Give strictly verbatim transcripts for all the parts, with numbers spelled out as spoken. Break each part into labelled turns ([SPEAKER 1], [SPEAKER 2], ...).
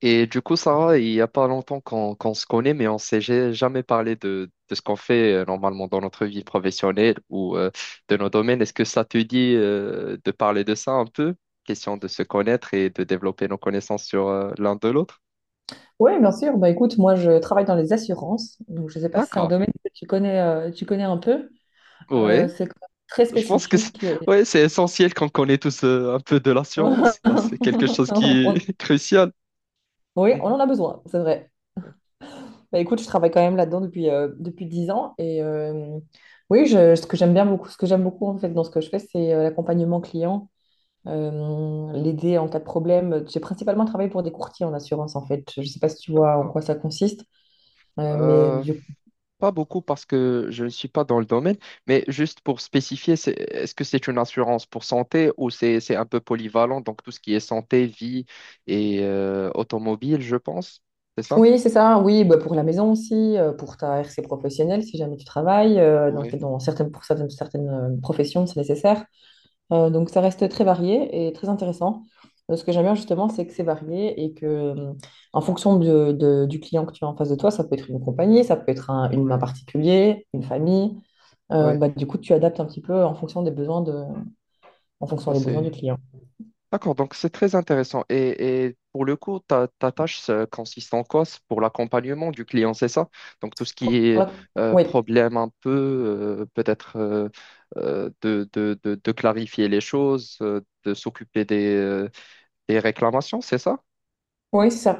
[SPEAKER 1] Et du coup, Sarah, il n'y a pas longtemps qu'on qu'on se connaît, mais on s'est ja- jamais parlé de, de ce qu'on fait euh, normalement dans notre vie professionnelle ou euh, de nos domaines. Est-ce que ça te dit euh, de parler de ça un peu? Question de se connaître et de développer nos connaissances sur euh, l'un de l'autre.
[SPEAKER 2] Oui, bien sûr. Bah, écoute, moi, je travaille dans les assurances. Donc, je ne sais pas si c'est un
[SPEAKER 1] D'accord.
[SPEAKER 2] domaine que tu connais, euh, tu connais un peu. Euh,
[SPEAKER 1] Oui,
[SPEAKER 2] c'est quand même très
[SPEAKER 1] je pense que c'est
[SPEAKER 2] spécifique et-
[SPEAKER 1] ouais, c'est essentiel qu'on connaît tous euh, un peu de l'assurance. Bah, c'est quelque chose qui
[SPEAKER 2] On-
[SPEAKER 1] est crucial.
[SPEAKER 2] Oui, on
[SPEAKER 1] Mhm.
[SPEAKER 2] en a besoin, c'est vrai. Bah écoute, je travaille quand même là-dedans depuis, euh, depuis dix ans. Et euh, oui, je- ce que j'aime bien beaucoup, ce que j'aime beaucoup en fait dans ce que je fais, c'est euh, l'accompagnement client, euh, l'aider en cas de problème. J'ai principalement travaillé pour des courtiers en assurance en fait. Je ne sais pas si tu vois en
[SPEAKER 1] D'accord.
[SPEAKER 2] quoi ça consiste. euh, mais du-
[SPEAKER 1] Pas beaucoup parce que je ne suis pas dans le domaine, mais juste pour spécifier, c'est- est-ce que c'est une assurance pour santé ou c'est c'est un peu polyvalent, donc tout ce qui est santé, vie et euh, automobile, je pense, c'est ça?
[SPEAKER 2] Oui, c'est ça, oui, bah, pour la maison aussi, euh, pour ta R C professionnelle si jamais tu travailles. euh, donc
[SPEAKER 1] Ouais,
[SPEAKER 2] dans certaines, pour certaines, certaines euh, professions, c'est nécessaire. Euh, donc ça reste très varié et très intéressant. Euh, ce que j'aime bien justement, c'est que c'est varié et que euh, en fonction de- de- du client que tu as en face de toi, ça peut être une compagnie, ça peut être un, une main
[SPEAKER 1] ouais,
[SPEAKER 2] particulier, une famille. Euh,
[SPEAKER 1] ouais.
[SPEAKER 2] bah, du coup, tu adaptes un petit peu en fonction des besoins de, en fonction
[SPEAKER 1] Bah,
[SPEAKER 2] des besoins du
[SPEAKER 1] c'est-
[SPEAKER 2] client.
[SPEAKER 1] D'accord, donc c'est très intéressant. Et, et pour le coup, ta, ta tâche ça consiste en quoi? C'est pour l'accompagnement du client, c'est ça? Donc tout ce qui
[SPEAKER 2] Pour
[SPEAKER 1] est
[SPEAKER 2] la-
[SPEAKER 1] euh,
[SPEAKER 2] Oui,
[SPEAKER 1] problème un peu, euh, peut-être euh, euh, de, de, de, de clarifier les choses, euh, de s'occuper des, euh, des réclamations, c'est ça?
[SPEAKER 2] oui, c'est ça.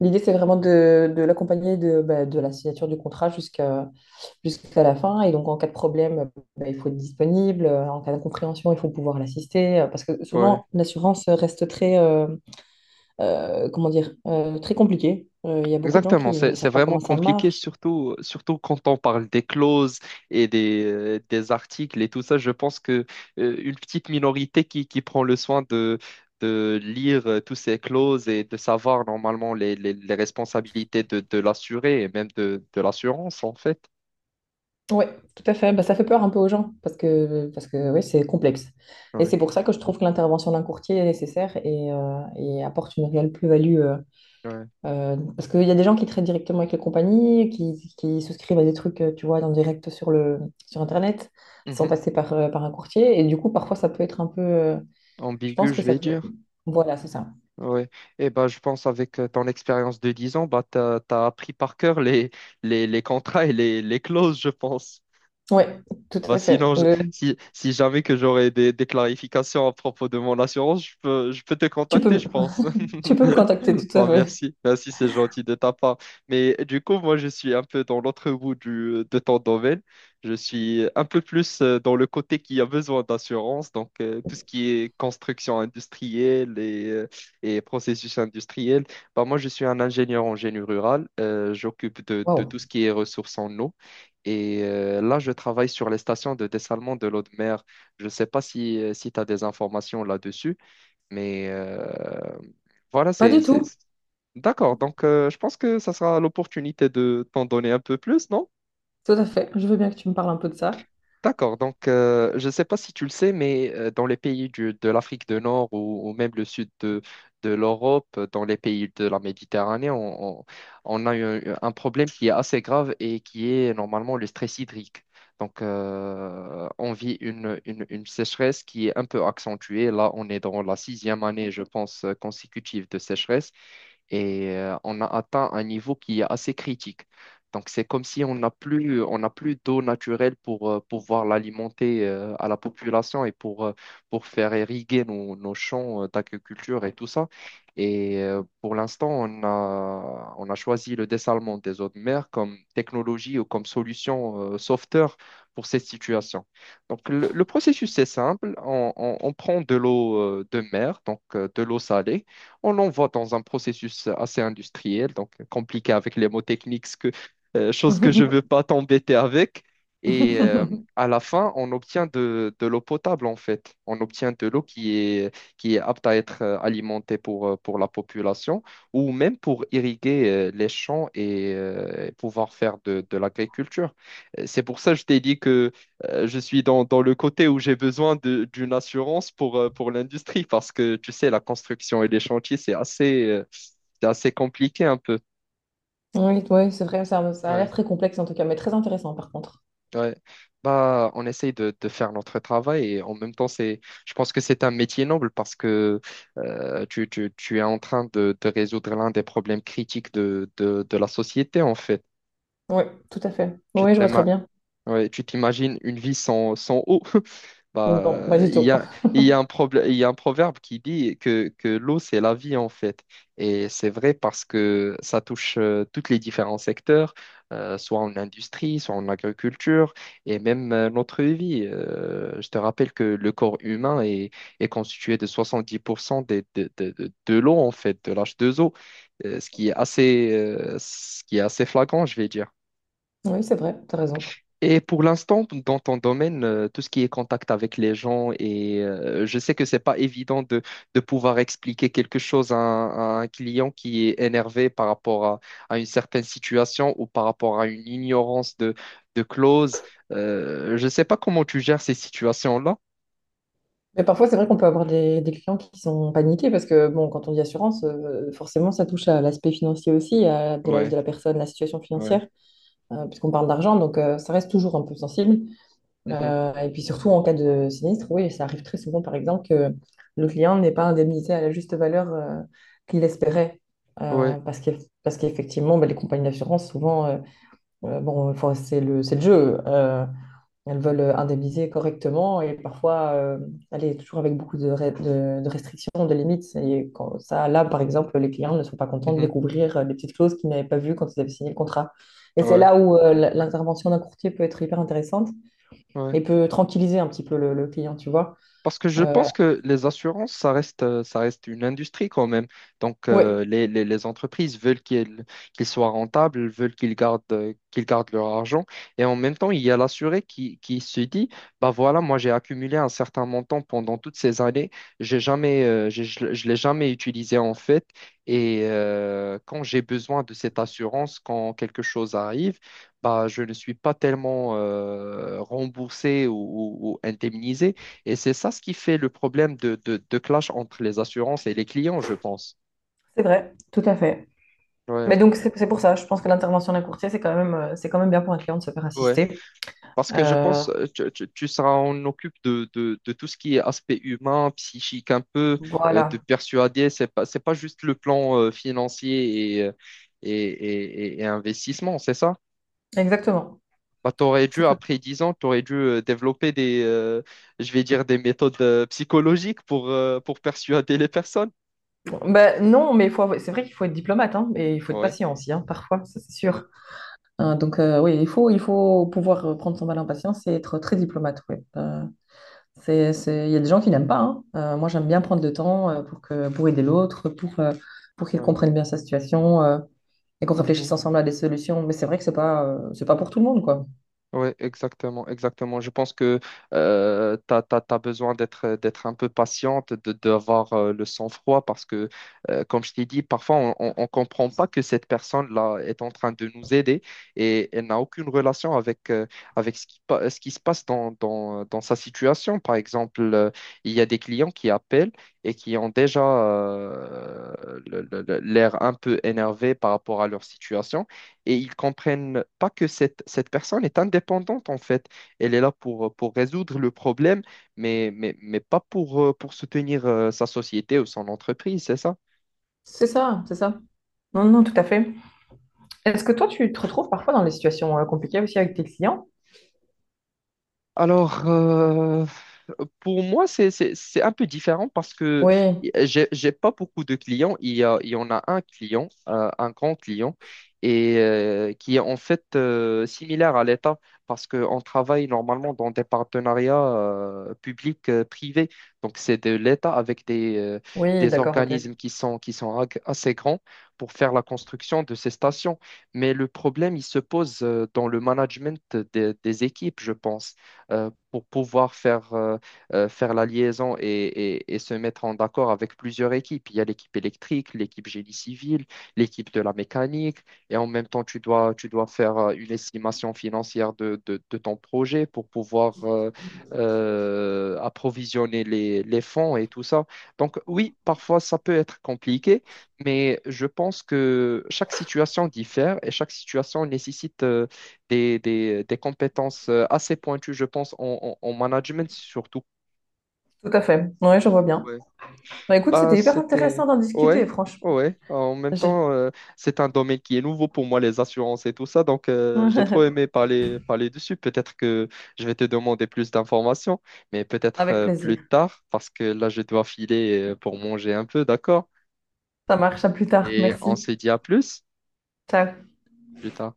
[SPEAKER 2] L'idée, c'est vraiment de, de l'accompagner de, bah, de la signature du contrat jusqu'à jusqu'à la fin. Et donc, en cas de problème, bah, il faut être disponible. En cas d'incompréhension, il faut pouvoir l'assister. Parce que
[SPEAKER 1] Ouais.
[SPEAKER 2] souvent, l'assurance reste très, euh, euh, comment dire, euh, très compliquée. Euh, Il y a beaucoup de gens
[SPEAKER 1] Exactement,
[SPEAKER 2] qui
[SPEAKER 1] c'est
[SPEAKER 2] ne
[SPEAKER 1] c'est
[SPEAKER 2] savent pas
[SPEAKER 1] vraiment
[SPEAKER 2] comment ça
[SPEAKER 1] compliqué,
[SPEAKER 2] marche.
[SPEAKER 1] surtout, surtout quand on parle des clauses et des, euh, des articles et tout ça. Je pense que euh, une petite minorité qui, qui prend le soin de, de lire euh, toutes ces clauses et de savoir normalement les, les, les responsabilités de, de l'assuré et même de, de l'assurance, en fait.
[SPEAKER 2] Oui, tout à fait. Bah, ça fait peur un peu aux gens parce que, parce que oui, c'est complexe. Et
[SPEAKER 1] Ouais,
[SPEAKER 2] c'est pour ça que je trouve que l'intervention d'un courtier est nécessaire et, euh, et apporte une réelle plus-value.
[SPEAKER 1] ouais.
[SPEAKER 2] Euh, parce qu'il y a des gens qui traitent directement avec les compagnies, qui, qui souscrivent à des trucs, euh, tu vois, en direct sur le, sur Internet, sans
[SPEAKER 1] Mhm.
[SPEAKER 2] passer par, euh, par un courtier. Et du coup, parfois, ça peut être un peu... euh, je
[SPEAKER 1] Ambigu,
[SPEAKER 2] pense que
[SPEAKER 1] je
[SPEAKER 2] ça
[SPEAKER 1] vais
[SPEAKER 2] peut...
[SPEAKER 1] dire.
[SPEAKER 2] Voilà, c'est ça.
[SPEAKER 1] Ouais. Et bah, je pense avec euh, ton expérience de dix ans, bah, tu as appris par cœur les, les, les contrats et les, les clauses, je pense.
[SPEAKER 2] Oui, tout
[SPEAKER 1] Bah
[SPEAKER 2] à fait.
[SPEAKER 1] sinon, je-
[SPEAKER 2] Euh,
[SPEAKER 1] Si, si jamais que j'aurais des, des clarifications à propos de mon assurance, je peux, je peux te
[SPEAKER 2] tu peux,
[SPEAKER 1] contacter,
[SPEAKER 2] me-
[SPEAKER 1] je pense.
[SPEAKER 2] Tu peux me contacter, tout à
[SPEAKER 1] Bah,
[SPEAKER 2] fait.
[SPEAKER 1] merci, merci, c'est gentil de ta part. Mais du coup, moi, je suis un peu dans l'autre bout du, de ton domaine. Je suis un peu plus euh, dans le côté qui a besoin d'assurance, donc euh, tout ce qui est construction industrielle et, euh, et processus industriel. Bah, moi, je suis un ingénieur en génie rural. Euh, j'occupe de, de
[SPEAKER 2] Waouh.
[SPEAKER 1] tout ce qui est ressources en eau. Et euh, là, je travaille sur les stations de dessalement de l'eau de mer. Je ne sais pas si, euh, si tu as des informations là-dessus, mais euh, voilà,
[SPEAKER 2] Pas
[SPEAKER 1] c'est...
[SPEAKER 2] du tout,
[SPEAKER 1] c'est- D'accord, donc euh, je pense que ça sera l'opportunité de t'en donner un peu plus, non?
[SPEAKER 2] tout à fait. Je veux bien que tu me parles un peu de ça.
[SPEAKER 1] D'accord, donc euh, je ne sais pas si tu le sais, mais euh, dans les pays du- de l'Afrique du Nord ou, ou même le sud de, de l'Europe, dans les pays de la Méditerranée, on, on- on a eu un problème qui est assez grave et qui est normalement le stress hydrique. Donc euh, on vit une, une- une sécheresse qui est un peu accentuée. Là, on est dans la sixième année, je pense, consécutive de sécheresse et euh, on a atteint un niveau qui est assez critique. Donc, c'est comme si on n'a plus, on n'a plus d'eau naturelle pour euh, pouvoir l'alimenter euh, à la population et pour, euh, pour faire irriguer nos, nos champs euh, d'agriculture et tout ça. Et euh, pour l'instant, on a, on a choisi le dessalement des eaux de mer comme technologie ou comme solution euh, sauveteur pour cette situation. Donc, le, le processus, c'est simple. On, on- on prend de l'eau euh, de mer, donc euh, de l'eau salée. On l'envoie dans un processus assez industriel, donc compliqué avec les mots techniques euh, chose que je veux pas t'embêter avec. Et euh, à la fin, on obtient de, de l'eau potable, en fait. On obtient de l'eau qui est, qui est apte à être euh, alimentée pour, euh, pour la population ou même pour irriguer euh, les champs et euh, pouvoir faire de, de l'agriculture. Euh, C'est pour ça que je t'ai dit que euh, je suis dans, dans le côté où j'ai besoin de- d'une assurance pour, euh, pour l'industrie parce que, tu sais, la construction et les chantiers, c'est assez, euh, c'est assez compliqué un peu.
[SPEAKER 2] Oui, oui, c'est vrai, ça, ça a l'air très complexe en tout cas, mais très intéressant par contre.
[SPEAKER 1] Ouais. Bah, on essaye de, de faire notre travail et en même temps, c'est, je pense que c'est un métier noble parce que euh, tu, tu, tu es en train de, de résoudre l'un des problèmes critiques de, de, de la société, en fait.
[SPEAKER 2] Oui, tout à fait.
[SPEAKER 1] Tu
[SPEAKER 2] Oui, je
[SPEAKER 1] t'es
[SPEAKER 2] vois très bien.
[SPEAKER 1] Ouais, tu t'imagines une vie sans, sans eau.
[SPEAKER 2] Non,
[SPEAKER 1] Bah,
[SPEAKER 2] pas du
[SPEAKER 1] il
[SPEAKER 2] tout.
[SPEAKER 1] y a, il y a un problème, il y a un proverbe qui dit que, que l'eau, c'est la vie, en fait. Et c'est vrai parce que ça touche euh, tous les différents secteurs, euh, soit en industrie, soit en agriculture, et même euh, notre vie. Euh, je te rappelle que le corps humain est, est constitué de soixante-dix pour cent des, de, de, de, de l'eau, en fait, de l'H deux O, euh, ce qui est assez, euh, ce qui est assez flagrant, je vais dire.
[SPEAKER 2] Oui, c'est vrai, t'as raison.
[SPEAKER 1] Et pour l'instant, dans ton domaine, euh, tout ce qui est contact avec les gens, et euh, je sais que c'est pas évident de, de pouvoir expliquer quelque chose à un, à un client qui est énervé par rapport à, à une certaine situation ou par rapport à une ignorance de, de clause. Euh, je sais pas comment tu gères ces situations-là.
[SPEAKER 2] Mais parfois, c'est vrai qu'on peut avoir des, des clients qui sont paniqués parce que, bon, quand on dit assurance, euh, forcément, ça touche à l'aspect financier aussi, à de la, de
[SPEAKER 1] Ouais,
[SPEAKER 2] la personne, la situation
[SPEAKER 1] ouais.
[SPEAKER 2] financière, euh, puisqu'on parle d'argent, donc euh, ça reste toujours un peu sensible.
[SPEAKER 1] Mhm.
[SPEAKER 2] Euh, et puis surtout en cas de sinistre, oui, ça arrive très souvent, par exemple, que le client n'est pas indemnisé à la juste valeur euh, qu'il espérait. Euh,
[SPEAKER 1] Ouais,
[SPEAKER 2] parce que, parce qu'effectivement, ben, les compagnies d'assurance, souvent, euh, euh, bon, enfin, c'est le, c'est le jeu. Euh, elles veulent indemniser correctement et parfois, euh, elle est toujours avec beaucoup de, re- de, de restrictions, de limites. Et quand, ça, là, par exemple, les clients ne sont pas contents de
[SPEAKER 1] mhm.
[SPEAKER 2] découvrir euh, des petites clauses qu'ils n'avaient pas vues quand ils avaient signé le contrat. Et c'est
[SPEAKER 1] Ouais,
[SPEAKER 2] là où euh, l- l'intervention d'un courtier peut être hyper intéressante
[SPEAKER 1] ouais.
[SPEAKER 2] et peut tranquilliser un petit peu le, le client, tu vois.
[SPEAKER 1] Parce que je
[SPEAKER 2] Euh,
[SPEAKER 1] pense que les assurances, ça reste, euh, ça reste une industrie quand même. Donc,
[SPEAKER 2] oui,
[SPEAKER 1] euh, les, les- les entreprises veulent qu'ils qu'ils soient rentables, veulent qu'ils gardent, euh, qu'ils gardent leur argent. Et en même temps, il y a l'assuré qui, qui se dit, bah voilà, moi j'ai accumulé un certain montant pendant toutes ces années, j'ai jamais, euh, j'ai- je ne l'ai jamais utilisé en fait. Et euh, quand j'ai besoin de cette assurance, quand quelque chose arrive, bah, je ne suis pas tellement euh, remboursé ou, ou ou indemnisé. Et c'est ça ce qui fait le problème de, de, de clash entre les assurances et les clients, je pense.
[SPEAKER 2] c'est vrai, tout à fait.
[SPEAKER 1] Ouais,
[SPEAKER 2] Mais donc, c'est c'est pour ça, je pense que l'intervention d'un courtier, c'est quand même, euh, c'est quand même bien pour un client de se faire
[SPEAKER 1] ouais.
[SPEAKER 2] assister.
[SPEAKER 1] Parce que je
[SPEAKER 2] Euh,
[SPEAKER 1] pense, euh, tu, tu, tu seras, on occupe de, de, de tout ce qui est aspect humain, psychique un peu, euh, de
[SPEAKER 2] voilà,
[SPEAKER 1] persuader. C'est pas, c'est pas juste le plan euh, financier et, euh, et, et, et- et investissement, c'est ça?
[SPEAKER 2] exactement.
[SPEAKER 1] Bah, t'aurais dû,
[SPEAKER 2] C'est tout.
[SPEAKER 1] après dix ans, t'aurais dû euh, développer des, euh, je vais dire, des méthodes euh, psychologiques pour, euh, pour persuader les personnes.
[SPEAKER 2] Ben, non, mais il faut, avoir- c'est vrai qu'il faut être diplomate, hein, et il faut être
[SPEAKER 1] Ouais.
[SPEAKER 2] patient aussi, hein, parfois, ça c'est
[SPEAKER 1] Mm.
[SPEAKER 2] sûr. Euh, donc euh, oui, il faut, il faut pouvoir euh, prendre son mal en patience et être très diplomate, ouais. Euh, c'est, c'est... Il y a des gens qui n'aiment pas, hein. Euh, moi, j'aime bien prendre le temps euh, pour que, pour aider l'autre, pour, euh, pour qu'il
[SPEAKER 1] Ouais.
[SPEAKER 2] comprenne bien sa situation. euh. Et qu'on réfléchisse
[SPEAKER 1] Mhm.
[SPEAKER 2] ensemble à des solutions. Mais c'est vrai que c'est pas, euh, c'est pas pour tout le monde, quoi.
[SPEAKER 1] Oui, exactement, exactement. Je pense que euh, tu as besoin d'être d'être un peu patiente, de d'avoir euh, le sang-froid parce que, euh, comme je t'ai dit, parfois on on- on comprend pas que cette personne-là est en train de nous aider et elle n'a aucune relation avec, euh, avec ce qui, pa- ce qui se passe dans, dans, dans sa situation. Par exemple, euh, il y a des clients qui appellent et qui ont déjà euh, le- le- le- l'air un peu énervé par rapport à leur situation et ils comprennent pas que cette, cette personne est indépendante en fait. Elle est là pour, pour résoudre le problème, mais, mais, mais pas pour, euh, pour soutenir euh, sa société ou son entreprise, c'est ça?
[SPEAKER 2] C'est ça, c'est ça. Non, non, tout à fait. Est-ce que toi, tu te retrouves parfois dans des situations euh, compliquées aussi avec tes clients?
[SPEAKER 1] Alors, euh, pour moi, c'est, c'est, c'est un peu différent parce que
[SPEAKER 2] Oui,
[SPEAKER 1] j'ai, j'ai pas beaucoup de clients. Il y a, il y en a un client, euh, un grand client, et euh, qui est en fait euh, similaire à l'État parce qu'on travaille normalement dans des partenariats euh, publics-privés. Donc, c'est de l'État avec des, euh,
[SPEAKER 2] oui,
[SPEAKER 1] des
[SPEAKER 2] d'accord, ok.
[SPEAKER 1] organismes qui sont, qui sont ag- assez grands pour faire la construction de ces stations. Mais le problème, il se pose euh, dans le management des des équipes, je pense euh, pour pouvoir faire, euh, euh, faire la liaison et, et- et se mettre en accord avec plusieurs équipes. Il y a l'équipe électrique, l'équipe génie civil, l'équipe de la mécanique, et en même temps, tu dois, tu dois faire euh, une estimation financière de, de- de ton projet pour pouvoir euh, euh, approvisionner les, les fonds et tout ça. Donc oui, parfois, ça peut être compliqué, mais je pense que chaque situation diffère et chaque situation nécessite euh, des, des- des compétences euh, assez pointues, je pense, en, en- en management surtout.
[SPEAKER 2] Tout à fait. Oui, je vois bien.
[SPEAKER 1] Ouais.
[SPEAKER 2] Bah, écoute,
[SPEAKER 1] Bah,
[SPEAKER 2] c'était hyper intéressant
[SPEAKER 1] c'était...
[SPEAKER 2] d'en discuter,
[SPEAKER 1] Ouais,
[SPEAKER 2] franchement.
[SPEAKER 1] ouais. En même
[SPEAKER 2] J'ai-
[SPEAKER 1] temps, euh, c'est un domaine qui est nouveau pour moi, les assurances et tout ça. Donc, euh, j'ai trop aimé parler, parler dessus. Peut-être que je vais te demander plus d'informations, mais peut-être
[SPEAKER 2] Avec
[SPEAKER 1] euh, plus
[SPEAKER 2] plaisir.
[SPEAKER 1] tard, parce que là, je dois filer euh, pour manger un peu, d'accord?
[SPEAKER 2] Ça marche, à plus tard.
[SPEAKER 1] Et on
[SPEAKER 2] Merci.
[SPEAKER 1] se dit à plus,
[SPEAKER 2] Ciao.
[SPEAKER 1] plus tard.